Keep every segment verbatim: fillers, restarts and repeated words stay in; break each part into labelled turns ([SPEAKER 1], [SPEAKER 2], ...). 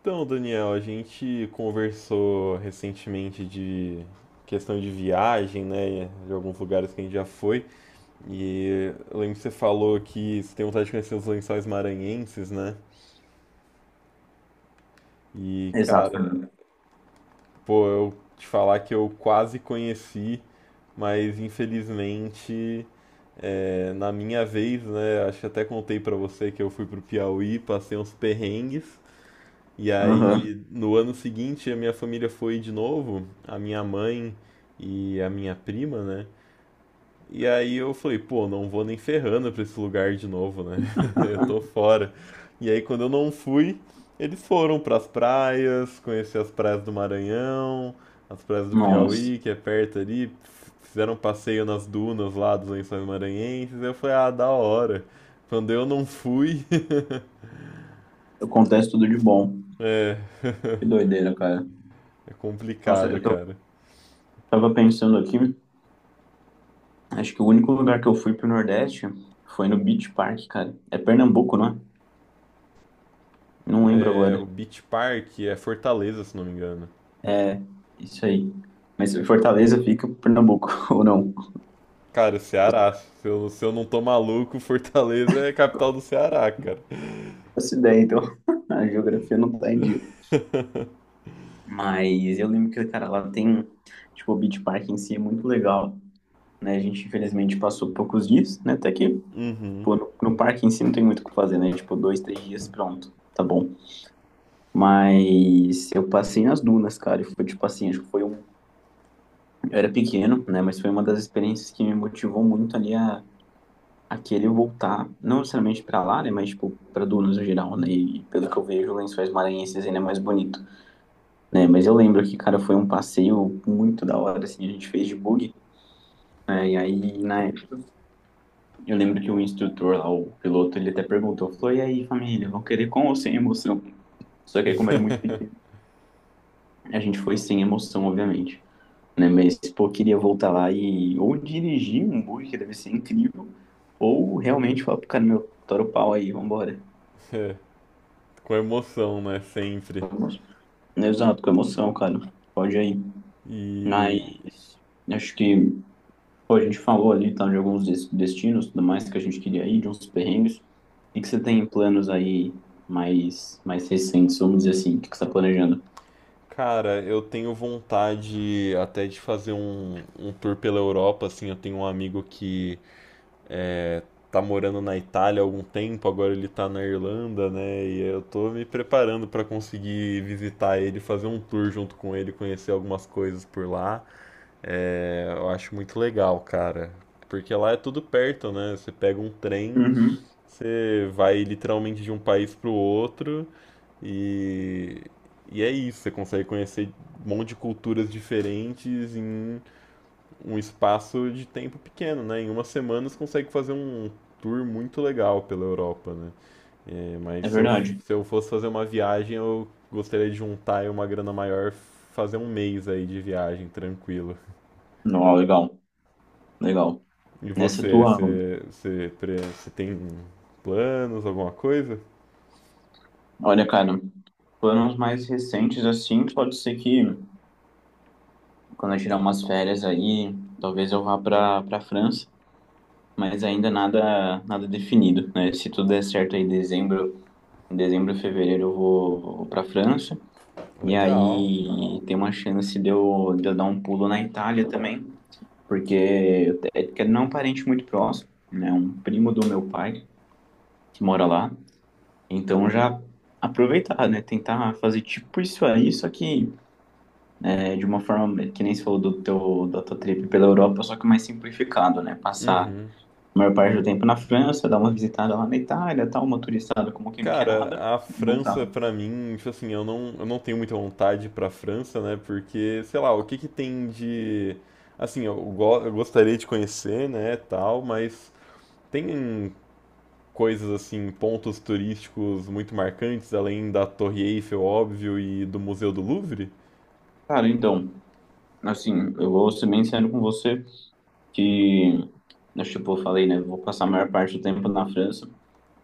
[SPEAKER 1] Então, Daniel, a gente conversou recentemente de questão de viagem, né? De alguns lugares que a gente já foi. E eu lembro que você falou que você tem vontade de conhecer os lençóis maranhenses, né? E,
[SPEAKER 2] Exato,
[SPEAKER 1] cara,
[SPEAKER 2] Fernando.
[SPEAKER 1] pô, eu te falar que eu quase conheci, mas infelizmente, é, na minha vez, né? Acho que até contei pra você que eu fui pro Piauí, passei uns perrengues. E
[SPEAKER 2] Aham.
[SPEAKER 1] aí, no ano seguinte, a minha família foi de novo, a minha mãe e a minha prima, né? E aí eu falei, pô, não vou nem ferrando pra esse lugar de novo, né? Eu tô fora. E aí, quando eu não fui, eles foram pras praias, conhecer as praias do Maranhão, as praias do
[SPEAKER 2] Nossa,
[SPEAKER 1] Piauí, que é perto ali, fizeram um passeio nas dunas lá dos Lençóis Maranhenses. Eu falei, ah, da hora. Quando eu não fui,
[SPEAKER 2] acontece tudo de bom.
[SPEAKER 1] é,
[SPEAKER 2] Que doideira, cara.
[SPEAKER 1] é
[SPEAKER 2] Nossa,
[SPEAKER 1] complicado,
[SPEAKER 2] eu tô-
[SPEAKER 1] cara.
[SPEAKER 2] tava pensando aqui, acho que o único lugar que eu fui pro Nordeste foi no Beach Park, cara. É Pernambuco, não é? Não lembro
[SPEAKER 1] É,
[SPEAKER 2] agora.
[SPEAKER 1] o Beach Park é Fortaleza, se não me engano.
[SPEAKER 2] É, isso aí. Mas Fortaleza fica em Pernambuco, ou não?
[SPEAKER 1] Cara,
[SPEAKER 2] Nossa,
[SPEAKER 1] Ceará.
[SPEAKER 2] eu
[SPEAKER 1] Se eu, se eu não tô maluco, Fortaleza é a capital do Ceará, cara.
[SPEAKER 2] faço ideia, então. A geografia não tá em dia. Mas eu lembro que, cara, lá tem, tipo, o Beach Park em si é muito legal, né? A gente, infelizmente, passou poucos dias, né? Até que
[SPEAKER 1] Uhum.
[SPEAKER 2] pô, no, no parque em si não tem muito o que fazer, né? Tipo, dois, três dias, pronto, tá bom. Mas eu passei nas dunas, cara, e foi tipo assim, acho que foi um. Eu era pequeno, né? Mas foi uma das experiências que me motivou muito ali a, a querer voltar, não necessariamente pra lá, né? Mas, tipo, pra dunas no geral, né? E pelo que eu vejo, Lençóis Maranhenses ainda é mais bonito, né? Mas eu lembro que, cara, foi um passeio muito da hora, assim, a gente fez de buggy. É, e aí, na época, eu lembro que o instrutor lá, o piloto, ele até perguntou, falou, e aí, família, vão querer com ou sem emoção? Só que aí, como era muito pequeno, a gente foi sem emoção, obviamente. Né? Mas, pô, queria voltar lá e ou dirigir um bug, que deve ser incrível, ou realmente falar pro cara, meu, tora o pau aí, vambora.
[SPEAKER 1] É, com emoção, né? Sempre.
[SPEAKER 2] Vamos. Exato, com emoção, cara. Pode aí. Mas
[SPEAKER 1] E,
[SPEAKER 2] acho que pô, a gente falou ali tá, de alguns des- destinos, tudo mais que a gente queria ir, de uns perrengues. O que que você tem em planos aí mais, mais recentes, vamos dizer assim? O que que você está planejando?
[SPEAKER 1] cara, eu tenho vontade até de fazer um, um tour pela Europa, assim. Eu tenho um amigo que tá morando na Itália há algum tempo, agora ele tá na Irlanda, né? E eu tô me preparando pra conseguir visitar ele, fazer um tour junto com ele, conhecer algumas coisas por lá. É, eu acho muito legal, cara. Porque lá é tudo perto, né? Você pega um trem,
[SPEAKER 2] Uhum.
[SPEAKER 1] você vai literalmente de um país pro outro e, e é isso. Você consegue conhecer um monte de culturas diferentes em um espaço de tempo pequeno, né? Em uma semana você consegue fazer um tour muito legal pela Europa, né? É, mas
[SPEAKER 2] É
[SPEAKER 1] se eu,
[SPEAKER 2] verdade.
[SPEAKER 1] se eu fosse fazer uma viagem, eu gostaria de juntar aí uma grana maior, fazer um mês aí de viagem, tranquilo.
[SPEAKER 2] Não, legal, legal.
[SPEAKER 1] E
[SPEAKER 2] Nessa
[SPEAKER 1] você,
[SPEAKER 2] tua...
[SPEAKER 1] você, você, pre- você tem planos, alguma coisa?
[SPEAKER 2] Olha, cara, planos mais recentes assim, pode ser que quando eu tirar umas férias aí, talvez eu vá para para França, mas ainda nada nada definido, né? Se tudo der certo aí em dezembro, em dezembro, fevereiro eu vou para França e
[SPEAKER 1] Legal.
[SPEAKER 2] aí tem uma chance de eu, de eu dar um pulo na Itália também, porque eu te- é que não é um parente muito próximo, né? Um primo do meu pai que mora lá, então já aproveitar, né? Tentar fazer tipo isso aí, só que é, de uma forma que nem se falou do teu, da tua trip pela Europa, só que mais simplificado, né? Passar a
[SPEAKER 1] Uhum.
[SPEAKER 2] maior parte do tempo na França, dar uma visitada lá na Itália, tal, uma turistada como quem não quer
[SPEAKER 1] Cara,
[SPEAKER 2] nada
[SPEAKER 1] a
[SPEAKER 2] e
[SPEAKER 1] França
[SPEAKER 2] voltar.
[SPEAKER 1] pra mim, tipo assim, eu não, eu não tenho muita vontade pra França, né? Porque, sei lá, o que que tem de assim, eu, go- eu gostaria de conhecer, né, tal, mas tem coisas assim, pontos turísticos muito marcantes além da Torre Eiffel, óbvio, e do Museu do Louvre?
[SPEAKER 2] Cara, então, assim, eu vou ser bem sincero com você que, né, tipo, eu falei, né? Eu vou passar a maior parte do tempo na França,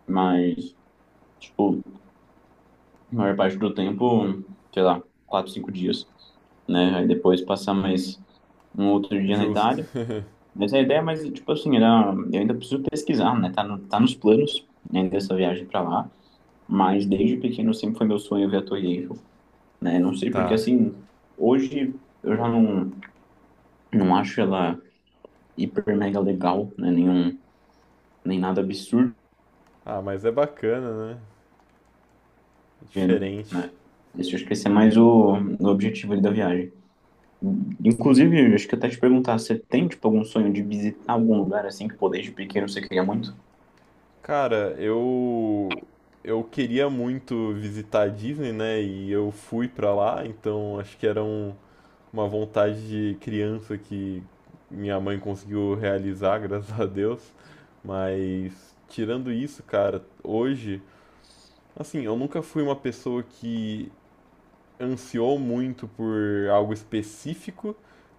[SPEAKER 2] mas, tipo, a maior parte do tempo, sei lá, quatro, cinco dias, né? Aí depois passar mais um outro dia na
[SPEAKER 1] Justo.
[SPEAKER 2] Itália. Mas a ideia, mas tipo assim, era, eu ainda preciso pesquisar, né? Tá, no, tá nos planos, né, dessa viagem pra lá. Mas desde pequeno sempre foi meu sonho ver a Torre Eiffel, né? Não sei porque
[SPEAKER 1] Tá.
[SPEAKER 2] assim, hoje eu já não, não acho ela hiper mega legal, né? Nenhum, nem nada absurdo,
[SPEAKER 1] Ah, mas é bacana, né? É
[SPEAKER 2] né?
[SPEAKER 1] diferente.
[SPEAKER 2] Esse, acho que esse é mais o, o objetivo ali da viagem. Inclusive, acho que até te perguntar, você tem tipo algum sonho de visitar algum lugar assim que pô, desde pequeno você queria muito?
[SPEAKER 1] Cara, eu eu queria muito visitar a Disney, né? E eu fui pra lá, então acho que era um- uma vontade de criança que minha mãe conseguiu realizar, graças a Deus. Mas tirando isso, cara, hoje, assim, eu nunca fui uma pessoa que ansiou muito por algo específico,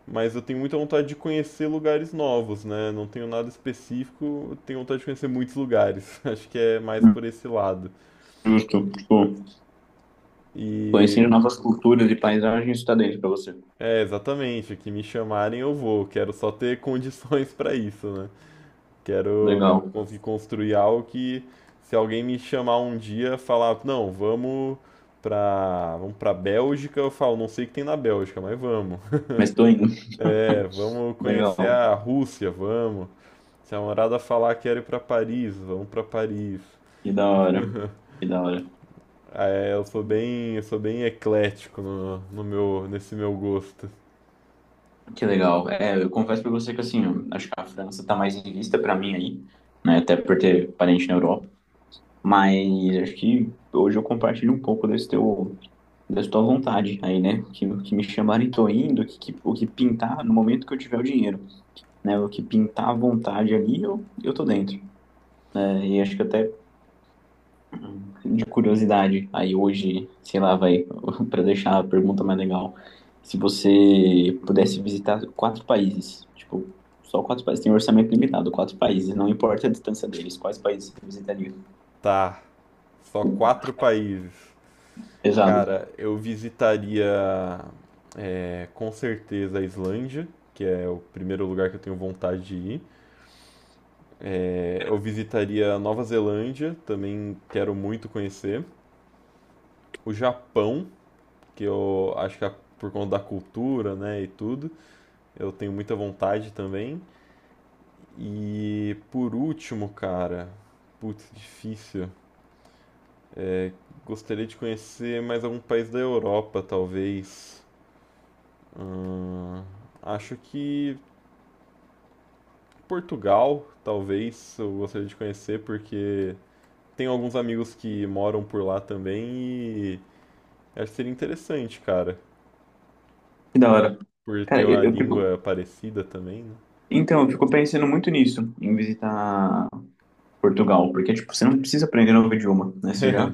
[SPEAKER 1] mas eu tenho muita vontade de conhecer lugares novos, né? Não tenho nada específico, eu tenho vontade de conhecer muitos lugares. Acho que é mais por esse lado.
[SPEAKER 2] Justo, tipo, conhecendo
[SPEAKER 1] E
[SPEAKER 2] novas culturas e paisagens está dentro pra você.
[SPEAKER 1] é exatamente, o que me chamarem eu vou. Quero só ter condições para isso, né? Quero
[SPEAKER 2] Legal.
[SPEAKER 1] conseguir construir algo que se alguém me chamar um dia, falar, não, vamos pra, vamos pra Bélgica, eu falo, não sei o que tem na Bélgica, mas vamos.
[SPEAKER 2] Mas tô indo.
[SPEAKER 1] É, vamos conhecer
[SPEAKER 2] Legal.
[SPEAKER 1] a Rússia, vamos. Se a namorada falar que quero ir pra Paris, vamos pra Paris.
[SPEAKER 2] Que da hora. Que da hora.
[SPEAKER 1] Ah, é, eu sou bem, eu sou bem eclético no, no meu, nesse meu gosto.
[SPEAKER 2] Que legal. É, eu confesso pra você que assim, eu acho que a França tá mais em vista pra mim aí, né? Até por ter parente na Europa. Mas acho que hoje eu compartilho um pouco desse teu, dessa tua vontade aí, né? Que, que me chamarem, tô indo, o que, que- o que pintar no momento que eu tiver o dinheiro, né? O que pintar à vontade ali, eu, eu tô dentro. É, e acho que até de curiosidade, aí hoje, sei lá, vai, para deixar a pergunta mais legal, se você pudesse visitar quatro países, tipo, só quatro países, tem um orçamento limitado, quatro países, não importa a distância deles, quais países você visitaria?
[SPEAKER 1] Tá, só quatro países.
[SPEAKER 2] Exato.
[SPEAKER 1] Cara, eu visitaria, é, com certeza a Islândia, que é o primeiro lugar que eu tenho vontade de ir. É, eu visitaria Nova Zelândia, também quero muito conhecer. O Japão, que eu acho que é por conta da cultura, né, e tudo, eu tenho muita vontade também. E por último, cara, putz, difícil. Gostaria de conhecer mais algum país da Europa, talvez. Acho que Portugal, talvez, eu gostaria de conhecer, porque tenho alguns amigos que moram por lá também e acho que seria interessante, cara,
[SPEAKER 2] Que da hora.
[SPEAKER 1] por ter
[SPEAKER 2] Cara,
[SPEAKER 1] uma
[SPEAKER 2] eu, eu fico,
[SPEAKER 1] língua parecida também, né?
[SPEAKER 2] então, eu fico pensando muito nisso, em visitar Portugal, porque, tipo, você não precisa aprender novo idioma, né? Você já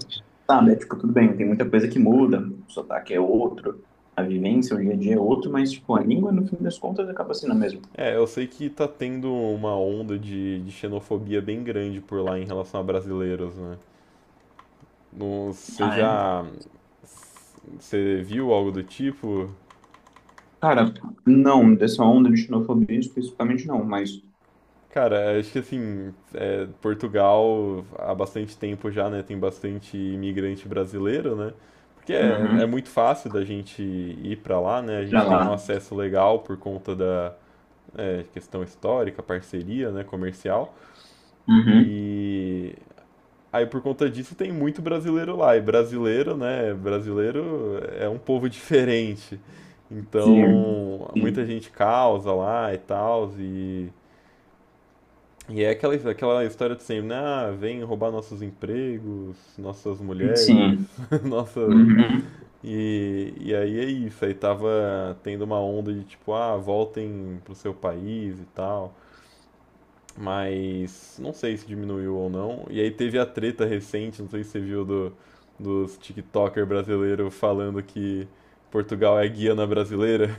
[SPEAKER 2] sabe, é, tipo, tudo bem, tem muita coisa que muda, o sotaque é outro, a vivência, o dia a dia é outro, mas, tipo, a língua, no fim das contas, acaba sendo a mesma.
[SPEAKER 1] É, eu sei que tá tendo uma onda de, de xenofobia bem grande por lá em relação a brasileiros, né? Não. Você
[SPEAKER 2] Ah, é?
[SPEAKER 1] já. Você viu algo do tipo?
[SPEAKER 2] Cara, não, dessa onda de xenofobia especificamente não, mas...
[SPEAKER 1] Cara, acho que assim, é, Portugal há bastante tempo já, né? Tem bastante imigrante brasileiro, né? Porque é, é
[SPEAKER 2] Uhum,
[SPEAKER 1] muito fácil da gente ir pra lá, né? A
[SPEAKER 2] e pra
[SPEAKER 1] gente tem um
[SPEAKER 2] lá.
[SPEAKER 1] acesso legal por conta da é, questão histórica, parceria, né, comercial.
[SPEAKER 2] Uhum,
[SPEAKER 1] E aí por conta disso tem muito brasileiro lá. E brasileiro, né? Brasileiro é um povo diferente.
[SPEAKER 2] sim,
[SPEAKER 1] Então, muita
[SPEAKER 2] sim,
[SPEAKER 1] gente causa lá e tal. E, e é aquela, aquela história de sempre, né? Ah, vem roubar nossos empregos, nossas mulheres,
[SPEAKER 2] sim,
[SPEAKER 1] nossa.
[SPEAKER 2] uhum.
[SPEAKER 1] E, e aí é isso. Aí tava tendo uma onda de tipo, ah, voltem pro seu país e tal. Mas não sei se diminuiu ou não. E aí teve a treta recente, não sei se você viu, do, dos TikToker brasileiro falando que Portugal é guiana brasileira.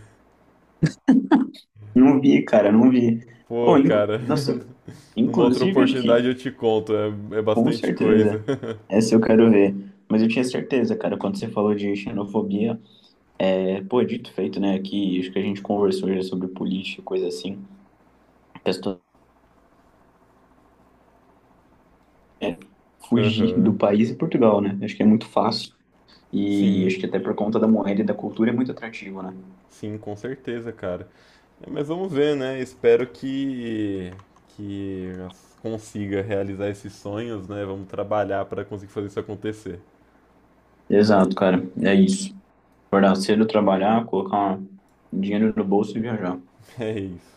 [SPEAKER 2] Não vi, cara, não vi.
[SPEAKER 1] Pô,
[SPEAKER 2] Oh, inc-
[SPEAKER 1] cara,
[SPEAKER 2] nossa,
[SPEAKER 1] numa outra
[SPEAKER 2] inclusive, acho
[SPEAKER 1] oportunidade
[SPEAKER 2] que...
[SPEAKER 1] eu te conto, é, é
[SPEAKER 2] Com
[SPEAKER 1] bastante coisa.
[SPEAKER 2] certeza. Essa eu quero ver. Mas eu tinha certeza, cara, quando você falou de xenofobia, é, pô, dito e feito, né? Que acho que a gente conversou já sobre política, coisa assim. A questão é fugir
[SPEAKER 1] Aham.
[SPEAKER 2] do país e Portugal, né? Acho que é muito fácil. E
[SPEAKER 1] Sim,
[SPEAKER 2] acho que até por conta da moeda e da cultura é muito atrativo, né?
[SPEAKER 1] sim, com certeza, cara. É, mas vamos ver, né? Espero que, que as- consiga realizar esses sonhos, né? Vamos trabalhar para conseguir fazer isso acontecer.
[SPEAKER 2] Exato, cara. É isso. Acordar cedo, trabalhar, colocar dinheiro no bolso e viajar.
[SPEAKER 1] É isso.